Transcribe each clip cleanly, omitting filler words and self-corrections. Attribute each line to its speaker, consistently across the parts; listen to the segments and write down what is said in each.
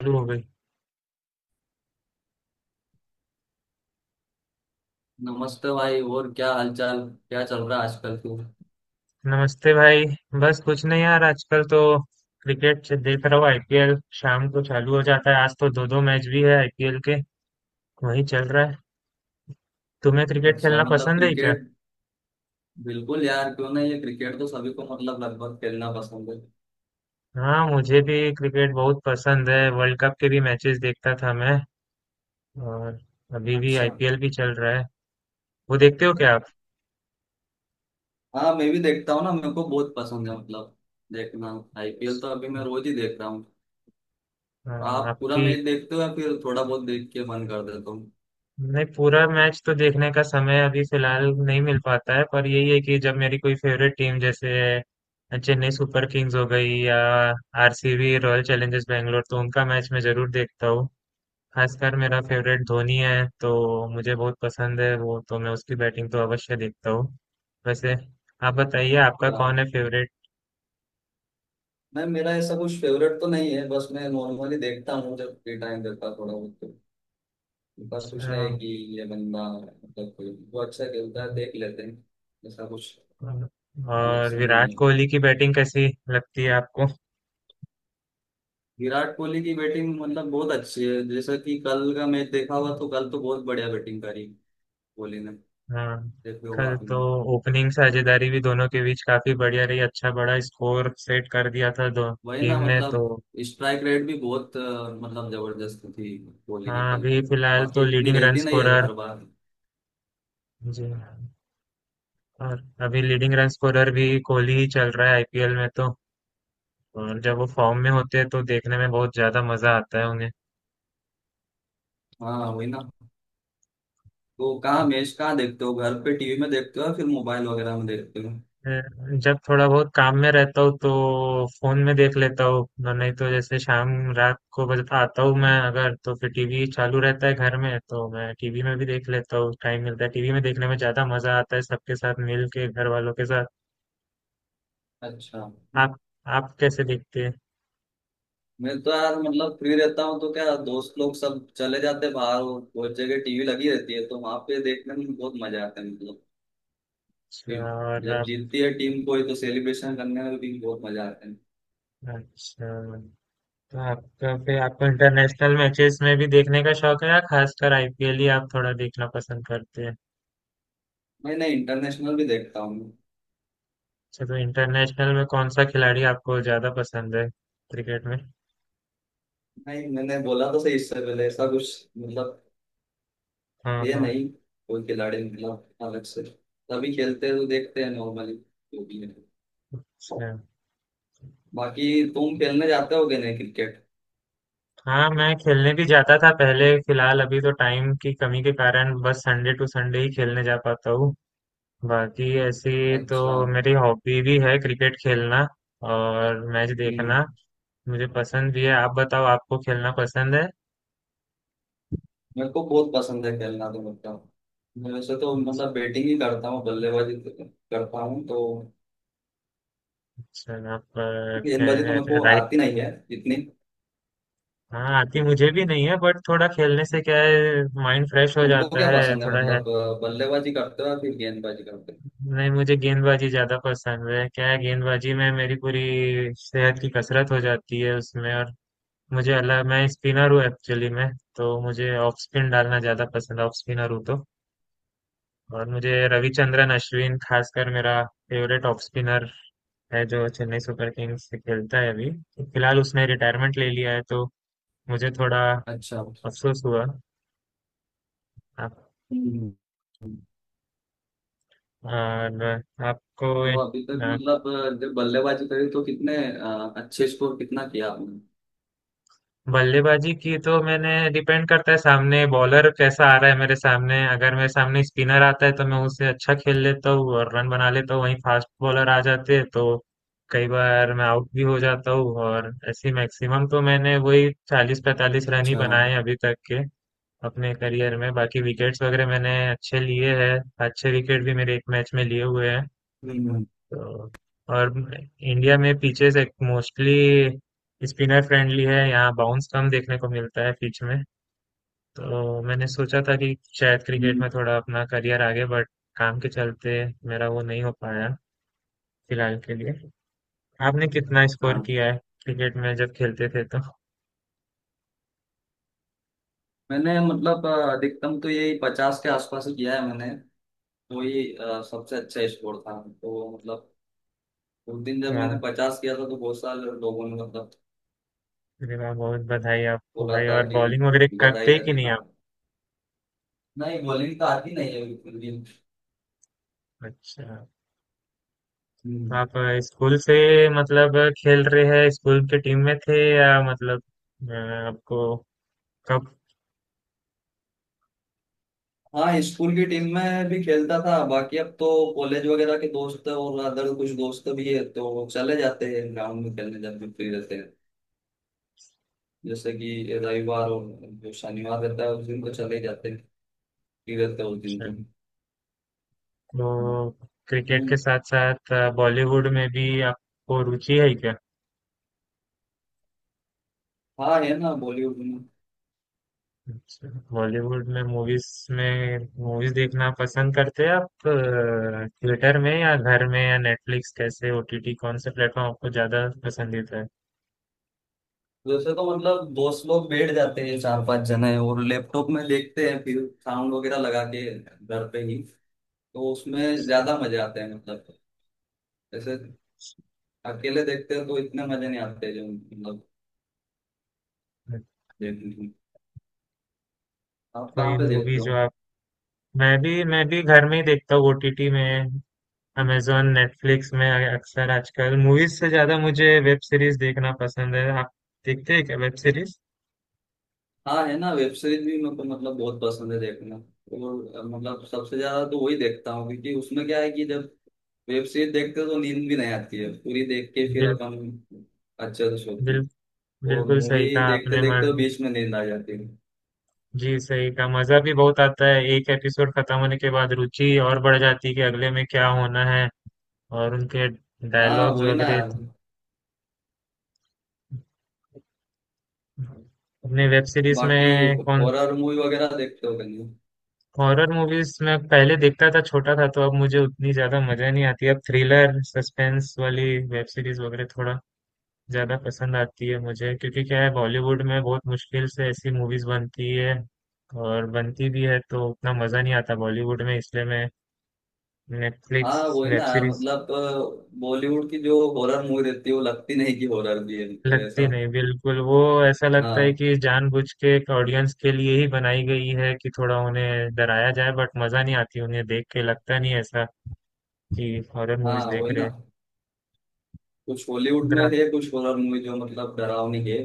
Speaker 1: चालू हो गई।
Speaker 2: नमस्ते भाई। और क्या हालचाल, क्या चल रहा है आजकल तू?
Speaker 1: नमस्ते भाई। बस कुछ नहीं यार, आजकल तो क्रिकेट से देख रहा हूँ। आईपीएल शाम को चालू हो जाता है। आज तो दो दो मैच भी है आईपीएल के। वही चल रहा है। तुम्हें क्रिकेट
Speaker 2: अच्छा,
Speaker 1: खेलना
Speaker 2: मतलब
Speaker 1: पसंद है क्या?
Speaker 2: क्रिकेट। बिल्कुल यार, क्यों नहीं, ये क्रिकेट तो सभी को मतलब लगभग खेलना पसंद है।
Speaker 1: हाँ, मुझे भी क्रिकेट बहुत पसंद है। वर्ल्ड कप के भी मैचेस देखता था मैं। और अभी भी
Speaker 2: अच्छा।
Speaker 1: आईपीएल भी चल रहा है। वो देखते हो क्या आप?
Speaker 2: हाँ, मैं भी देखता हूँ ना, मेरे को बहुत पसंद है मतलब देखना। आईपीएल तो अभी मैं रोज ही देख रहा हूँ।
Speaker 1: हाँ,
Speaker 2: आप पूरा
Speaker 1: आपकी
Speaker 2: मैच देखते हो या फिर थोड़ा बहुत देख के बंद कर देता हूँ?
Speaker 1: नहीं पूरा मैच तो देखने का समय अभी फिलहाल नहीं मिल पाता है, पर यही है कि जब मेरी कोई फेवरेट टीम जैसे चेन्नई सुपर किंग्स हो गई या आरसीबी रॉयल चैलेंजर्स बैंगलोर, तो उनका मैच मैं जरूर देखता हूँ। खासकर मेरा फेवरेट धोनी है, तो मुझे बहुत पसंद है वो। तो मैं उसकी बैटिंग तो अवश्य देखता हूँ। वैसे आप बताइए आपका
Speaker 2: हाँ।
Speaker 1: कौन है फेवरेट।
Speaker 2: नहीं, मेरा ऐसा कुछ फेवरेट तो नहीं है, बस मैं नॉर्मली देखता हूँ जब फ्री टाइम रहता है थोड़ा बहुत तो। पर कुछ नहीं है कि ये बंदा मतलब कोई वो अच्छा खेलता है देख लेते हैं, ऐसा कुछ अलग
Speaker 1: और
Speaker 2: से नहीं
Speaker 1: विराट
Speaker 2: है।
Speaker 1: कोहली की बैटिंग कैसी लगती है आपको?
Speaker 2: विराट कोहली की बैटिंग मतलब बहुत अच्छी है, जैसा कि कल का मैच देखा हुआ तो कल तो बहुत बढ़िया बैटिंग करी कोहली ने।
Speaker 1: हाँ,
Speaker 2: देखे होगा
Speaker 1: कल
Speaker 2: आपने।
Speaker 1: तो ओपनिंग साझेदारी भी दोनों के बीच काफी बढ़िया रही। अच्छा बड़ा स्कोर सेट कर दिया था दो
Speaker 2: वही ना
Speaker 1: टीम ने
Speaker 2: मतलब
Speaker 1: तो।
Speaker 2: स्ट्राइक रेट भी बहुत मतलब जबरदस्त थी कोहली की
Speaker 1: हाँ
Speaker 2: कल
Speaker 1: अभी
Speaker 2: तो।
Speaker 1: फिलहाल
Speaker 2: बाकी
Speaker 1: तो
Speaker 2: इतनी
Speaker 1: लीडिंग रन
Speaker 2: रहती नहीं है
Speaker 1: स्कोरर।
Speaker 2: हर बार।
Speaker 1: जी हाँ, और अभी लीडिंग रन स्कोरर भी कोहली ही चल रहा है आईपीएल में तो। और जब वो फॉर्म में होते हैं तो देखने में बहुत ज्यादा मजा आता है उन्हें।
Speaker 2: हाँ वही ना। तो कहाँ मैच कहाँ देखते हो, घर पे टीवी में देखते हो या फिर मोबाइल वगैरह में देखते हो?
Speaker 1: मैं जब थोड़ा बहुत काम में रहता हूँ तो फोन में देख लेता हूँ। नहीं तो जैसे शाम रात को बस आता हूँ मैं अगर तो फिर टीवी चालू रहता है घर में, तो मैं टीवी में भी देख लेता हूँ। टाइम मिलता है, टीवी में देखने में ज्यादा मजा आता है सबके साथ मिल के, घर वालों के साथ।
Speaker 2: अच्छा।
Speaker 1: आप आप कैसे देखते हैं?
Speaker 2: मैं तो यार मतलब फ्री रहता हूँ तो क्या दोस्त लोग सब चले जाते हैं बाहर, और बहुत जगह टीवी लगी रहती है तो वहां पे देखने में बहुत मजा आता है मतलब।
Speaker 1: अच्छा, और
Speaker 2: जब
Speaker 1: आप?
Speaker 2: जीतती है टीम कोई तो सेलिब्रेशन करने में भी बहुत मजा आता है।
Speaker 1: अच्छा, तो आपका फिर आपको इंटरनेशनल मैचेस में भी देखने का शौक है या खासकर आईपीएल ही आप थोड़ा देखना पसंद करते हैं?
Speaker 2: मैं ना इंटरनेशनल भी देखता हूँ।
Speaker 1: अच्छा, तो इंटरनेशनल में कौन सा खिलाड़ी आपको ज़्यादा पसंद है क्रिकेट में?
Speaker 2: नहीं, मैंने बोला तो सही इससे पहले ऐसा कुछ मतलब
Speaker 1: हाँ
Speaker 2: है
Speaker 1: हाँ।
Speaker 2: नहीं, कोई खिलाड़ी मतलब अलग से। तभी खेलते हैं तो देखते हैं नॉर्मली, जो भी है।
Speaker 1: अच्छा।
Speaker 2: बाकी तुम खेलने जाते होगे नहीं क्रिकेट?
Speaker 1: हाँ, मैं खेलने भी जाता था पहले। फिलहाल अभी तो टाइम की कमी के कारण बस संडे टू संडे ही खेलने जा पाता हूँ। बाकी ऐसी
Speaker 2: अच्छा।
Speaker 1: तो मेरी हॉबी भी है क्रिकेट खेलना और मैच
Speaker 2: हम्म।
Speaker 1: देखना। मुझे पसंद भी है। आप बताओ आपको खेलना पसंद है?
Speaker 2: मेरे को बहुत पसंद है खेलना तो मतलब, मैं वैसे तो मतलब बैटिंग ही करता हूँ, बल्लेबाजी तो करता हूँ तो।
Speaker 1: अच्छा, आप
Speaker 2: गेंदबाजी तो मेरे को
Speaker 1: राइट।
Speaker 2: आती नहीं है इतनी।
Speaker 1: हाँ, आती मुझे भी नहीं है, बट थोड़ा खेलने से क्या है माइंड फ्रेश हो
Speaker 2: तुमको
Speaker 1: जाता
Speaker 2: क्या
Speaker 1: है
Speaker 2: पसंद है
Speaker 1: थोड़ा।
Speaker 2: मतलब बल्लेबाजी करते हो या फिर गेंदबाजी करते हो?
Speaker 1: नहीं, मुझे गेंदबाजी ज़्यादा पसंद है। क्या है, गेंदबाजी में मेरी पूरी सेहत की कसरत हो जाती है उसमें। और मुझे अलग, मैं स्पिनर हूँ एक्चुअली मैं। तो मुझे ऑफ स्पिन डालना ज़्यादा पसंद है, ऑफ स्पिनर हूँ तो। और मुझे रविचंद्रन अश्विन खासकर मेरा फेवरेट ऑफ स्पिनर है, जो चेन्नई सुपर किंग्स से खेलता है अभी। फिलहाल उसने रिटायरमेंट ले लिया है, तो मुझे थोड़ा
Speaker 2: अच्छा।
Speaker 1: अफसोस हुआ। आप-
Speaker 2: हम्म।
Speaker 1: और आपको
Speaker 2: तो अभी तक मतलब जब बल्लेबाजी करी तो कितने अच्छे स्कोर कितना किया आपने?
Speaker 1: बल्लेबाजी की तो मैंने डिपेंड करता है सामने बॉलर कैसा आ रहा है मेरे सामने। अगर मेरे सामने स्पिनर आता है तो मैं उससे अच्छा खेल लेता हूँ और रन बना लेता हूँ। वहीं फास्ट बॉलर आ जाते हैं तो कई बार मैं आउट भी हो जाता हूँ। और ऐसे मैक्सिमम तो मैंने वही 40-45 रन ही
Speaker 2: अच्छा।
Speaker 1: बनाए हैं अभी तक के अपने करियर में। बाकी विकेट्स वगैरह मैंने अच्छे लिए हैं। अच्छे विकेट भी मेरे एक मैच में लिए हुए हैं
Speaker 2: हम्म।
Speaker 1: तो। और इंडिया में पिचेस एक मोस्टली स्पिनर फ्रेंडली है, यहाँ बाउंस कम देखने को मिलता है पिच में। तो मैंने सोचा था कि शायद क्रिकेट
Speaker 2: हम्म।
Speaker 1: में थोड़ा अपना करियर आगे, बट काम के चलते मेरा वो नहीं हो पाया फिलहाल के लिए। आपने कितना
Speaker 2: अच्छा।
Speaker 1: स्कोर किया है क्रिकेट में जब खेलते थे तो?
Speaker 2: मैंने मतलब अधिकतम तो यही 50 के आसपास ही किया है मैंने। वही सबसे अच्छा स्कोर था तो मतलब उस दिन जब मैंने
Speaker 1: वाह,
Speaker 2: 50 किया था तो बहुत सारे लोगों ने मतलब
Speaker 1: अरे वाह, बहुत बधाई आपको
Speaker 2: बोला
Speaker 1: भाई।
Speaker 2: था
Speaker 1: और
Speaker 2: कि
Speaker 1: बॉलिंग वगैरह
Speaker 2: बधाई
Speaker 1: करते हैं
Speaker 2: या
Speaker 1: कि
Speaker 2: दी,
Speaker 1: नहीं
Speaker 2: हाँ।
Speaker 1: आप?
Speaker 2: नहीं, बॉलिंग तो आती नहीं है बिल्कुल
Speaker 1: अच्छा, तो
Speaker 2: भी।
Speaker 1: आप स्कूल से मतलब खेल रहे हैं, स्कूल के टीम में थे या मतलब अ, आपको कब?
Speaker 2: हाँ, स्कूल की टीम में भी खेलता था। बाकी अब तो कॉलेज वगैरह के दोस्त और अदर कुछ दोस्त भी है तो चले जाते हैं ग्राउंड में खेलने जब भी फ्री रहते हैं। जैसे कि रविवार और जो शनिवार रहता है उस दिन तो चले ही जाते हैं, फ्री रहते हैं उस दिन
Speaker 1: अच्छा,
Speaker 2: तो।
Speaker 1: तो क्रिकेट
Speaker 2: हम्म।
Speaker 1: के साथ साथ बॉलीवुड में भी आपको रुचि है क्या?
Speaker 2: हाँ है ना, बॉलीवुड में।
Speaker 1: अच्छा, बॉलीवुड में मूवीज देखना पसंद करते हैं आप थिएटर में या घर में या नेटफ्लिक्स, कैसे ओटीटी कौन से प्लेटफॉर्म आपको ज्यादा पसंदीदा है?
Speaker 2: वैसे तो मतलब दोस्त लोग बैठ जाते हैं चार पांच जने, और लैपटॉप में देखते हैं फिर, साउंड वगैरह लगा के घर पे ही। तो उसमें ज्यादा मजे आते हैं मतलब। जैसे अकेले देखते हैं तो इतने मजे नहीं आते जो मतलब देखने। आप कहाँ
Speaker 1: कोई
Speaker 2: पे
Speaker 1: मूवी
Speaker 2: देखते हो?
Speaker 1: जो आप मैं भी घर में ही देखता हूँ ओटीटी में, अमेजोन नेटफ्लिक्स में। अक्सर आजकल मूवीज से ज्यादा मुझे वेब सीरीज देखना पसंद है। आप देखते हैं क्या वेब सीरीज?
Speaker 2: हाँ है ना, वेब सीरीज भी मेरे को मतलब बहुत पसंद है देखना, और मतलब सबसे ज्यादा तो वही देखता हूँ, क्योंकि उसमें क्या है कि जब वेब सीरीज देखते हो तो नींद भी नहीं आती है, पूरी देख के फिर अपन अच्छे से सोते
Speaker 1: बिल,
Speaker 2: हैं। और
Speaker 1: बिल्कुल सही
Speaker 2: मूवी
Speaker 1: कहा
Speaker 2: देखते
Speaker 1: आपने
Speaker 2: देखते तो
Speaker 1: मन।
Speaker 2: बीच में नींद आ जाती है।
Speaker 1: जी सही कहा, मजा भी बहुत आता है एक एपिसोड खत्म होने के बाद। रुचि और बढ़ जाती है कि अगले में क्या होना है। और उनके
Speaker 2: हाँ
Speaker 1: डायलॉग्स
Speaker 2: वही ना
Speaker 1: वगैरह
Speaker 2: यार।
Speaker 1: तो- अपने वेब सीरीज
Speaker 2: बाकी
Speaker 1: में कौन
Speaker 2: हॉरर मूवी वगैरह देखते हो कहीं?
Speaker 1: हॉरर मूवीज में पहले देखता था, छोटा था तो। अब मुझे उतनी ज्यादा मजा नहीं आती, अब थ्रिलर सस्पेंस वाली वेब सीरीज वगैरह थोड़ा ज़्यादा पसंद आती है मुझे। क्योंकि क्या है, बॉलीवुड में बहुत मुश्किल से ऐसी मूवीज़ बनती है, और बनती भी है तो उतना मज़ा नहीं आता बॉलीवुड में। इसलिए मैं नेटफ्लिक्स
Speaker 2: हाँ वही ना
Speaker 1: वेब
Speaker 2: यार,
Speaker 1: सीरीज
Speaker 2: मतलब बॉलीवुड की जो हॉरर मूवी रहती है वो लगती नहीं कि हॉरर भी है मतलब
Speaker 1: लगती
Speaker 2: ऐसा।
Speaker 1: नहीं, बिल्कुल वो। ऐसा लगता है
Speaker 2: हाँ।
Speaker 1: कि जानबूझ के एक ऑडियंस के लिए ही बनाई गई है कि थोड़ा उन्हें डराया जाए, बट मज़ा नहीं आती उन्हें देख के। लगता नहीं ऐसा कि हॉरर
Speaker 2: हाँ
Speaker 1: मूवीज़ देख
Speaker 2: वही ना।
Speaker 1: रहे
Speaker 2: कुछ हॉलीवुड में
Speaker 1: हैं।
Speaker 2: है कुछ हॉरर मूवी जो मतलब डरावनी है।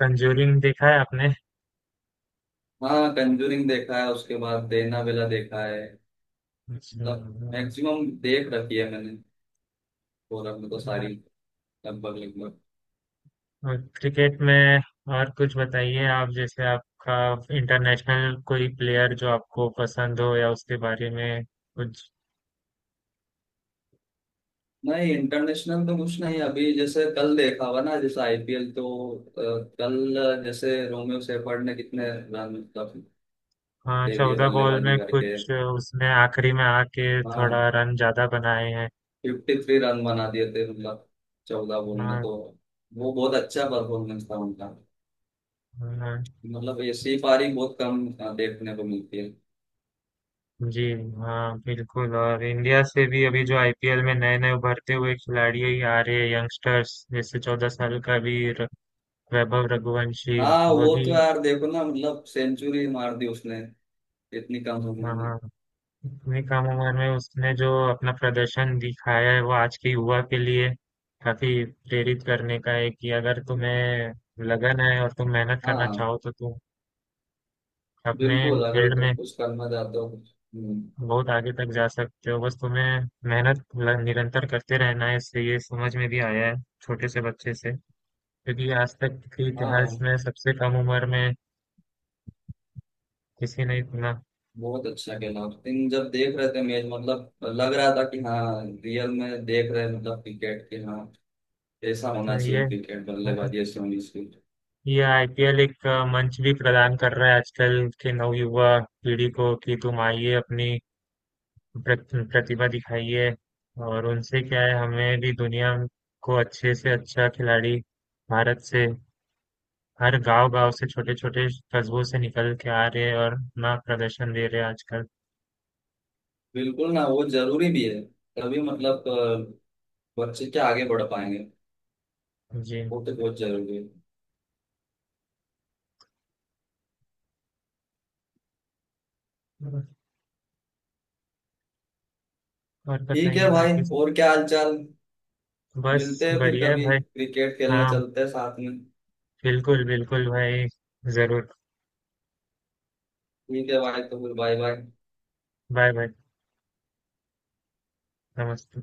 Speaker 1: कंजूरिंग देखा है आपने?
Speaker 2: हाँ, कंजूरिंग देखा है, उसके बाद एनाबेला देखा है।
Speaker 1: अच्छा।
Speaker 2: मतलब मैक्सिमम देख रखी है मैंने, हॉरर में तो
Speaker 1: हाँ,
Speaker 2: सारी, लगभग लगभग।
Speaker 1: और क्रिकेट में और कुछ बताइए आप। जैसे आपका इंटरनेशनल कोई प्लेयर जो आपको पसंद हो या उसके बारे में कुछ।
Speaker 2: नहीं, इंटरनेशनल तो कुछ नहीं। अभी जैसे कल देखा हुआ ना, जैसे आईपीएल तो अ, कल जैसे रोमियो सेफर्ड ने कितने रन मतलब
Speaker 1: हाँ,
Speaker 2: दे दिए
Speaker 1: 14 बॉल
Speaker 2: बल्लेबाजी
Speaker 1: में
Speaker 2: करके।
Speaker 1: कुछ उसने आखिरी में आके थोड़ा
Speaker 2: हाँ।
Speaker 1: रन ज्यादा बनाए हैं।
Speaker 2: 53 रन बना दिए थे मतलब, 14 बॉल में
Speaker 1: हाँ
Speaker 2: तो। वो बहुत अच्छा परफॉर्मेंस था उनका।
Speaker 1: हाँ,
Speaker 2: मतलब ऐसी पारी बहुत कम देखने को मिलती है।
Speaker 1: जी हाँ, बिल्कुल। और इंडिया से भी अभी जो आईपीएल में नए नए उभरते हुए खिलाड़ी ही आ रहे हैं, यंगस्टर्स, जैसे 14 साल का भी वैभव रघुवंशी।
Speaker 2: हाँ
Speaker 1: वह
Speaker 2: वो
Speaker 1: भी।
Speaker 2: तो यार देखो ना, मतलब सेंचुरी मार दी उसने, इतनी कम उम्र में।
Speaker 1: हाँ, इतनी कम उम्र में उसने जो अपना प्रदर्शन दिखाया है वो आज के युवा के लिए काफी प्रेरित करने का है कि अगर तुम्हें लगन है और तुम मेहनत करना
Speaker 2: हाँ
Speaker 1: चाहो तो तुम अपने
Speaker 2: बिल्कुल, अगर
Speaker 1: फील्ड में
Speaker 2: तुम कुछ करना चाहते हो कुछ। हम्म।
Speaker 1: बहुत आगे तक जा सकते हो। बस तुम्हें मेहनत निरंतर करते रहना है। इससे ये समझ में भी आया है छोटे से बच्चे से, क्योंकि आज तक के इतिहास
Speaker 2: हाँ
Speaker 1: में सबसे कम उम्र में किसी ने इतना।
Speaker 2: बहुत अच्छा खेला उस दिन जब देख रहे थे मैच, मतलब लग रहा था कि हाँ रियल में देख रहे हैं मतलब क्रिकेट के। हाँ ऐसा
Speaker 1: तो
Speaker 2: होना चाहिए, क्रिकेट बल्लेबाजी ऐसी होनी चाहिए।
Speaker 1: ये आईपीएल एक मंच भी प्रदान कर रहा है आजकल के नवयुवा पीढ़ी को कि तुम आइए अपनी प्रतिभा दिखाइए। और उनसे क्या है, हमें भी दुनिया को अच्छे से अच्छा खिलाड़ी भारत से, हर गांव गांव से, छोटे छोटे कस्बों से निकल के आ रहे हैं और अपना प्रदर्शन दे रहे हैं आजकल।
Speaker 2: बिल्कुल ना, वो जरूरी भी है। तभी मतलब बच्चे क्या आगे बढ़ पाएंगे।
Speaker 1: जी,
Speaker 2: वो तो बहुत जरूरी है।
Speaker 1: और
Speaker 2: ठीक
Speaker 1: बताइए
Speaker 2: है भाई।
Speaker 1: बाकी।
Speaker 2: और क्या हाल चाल। मिलते
Speaker 1: बस
Speaker 2: हैं फिर
Speaker 1: बढ़िया है
Speaker 2: कभी,
Speaker 1: भाई।
Speaker 2: क्रिकेट खेलने
Speaker 1: हाँ,
Speaker 2: चलते हैं साथ में।
Speaker 1: बिल्कुल बिल्कुल भाई। जरूर।
Speaker 2: ठीक है भाई, तो फिर बाय बाय।
Speaker 1: Bye bye. नमस्ते।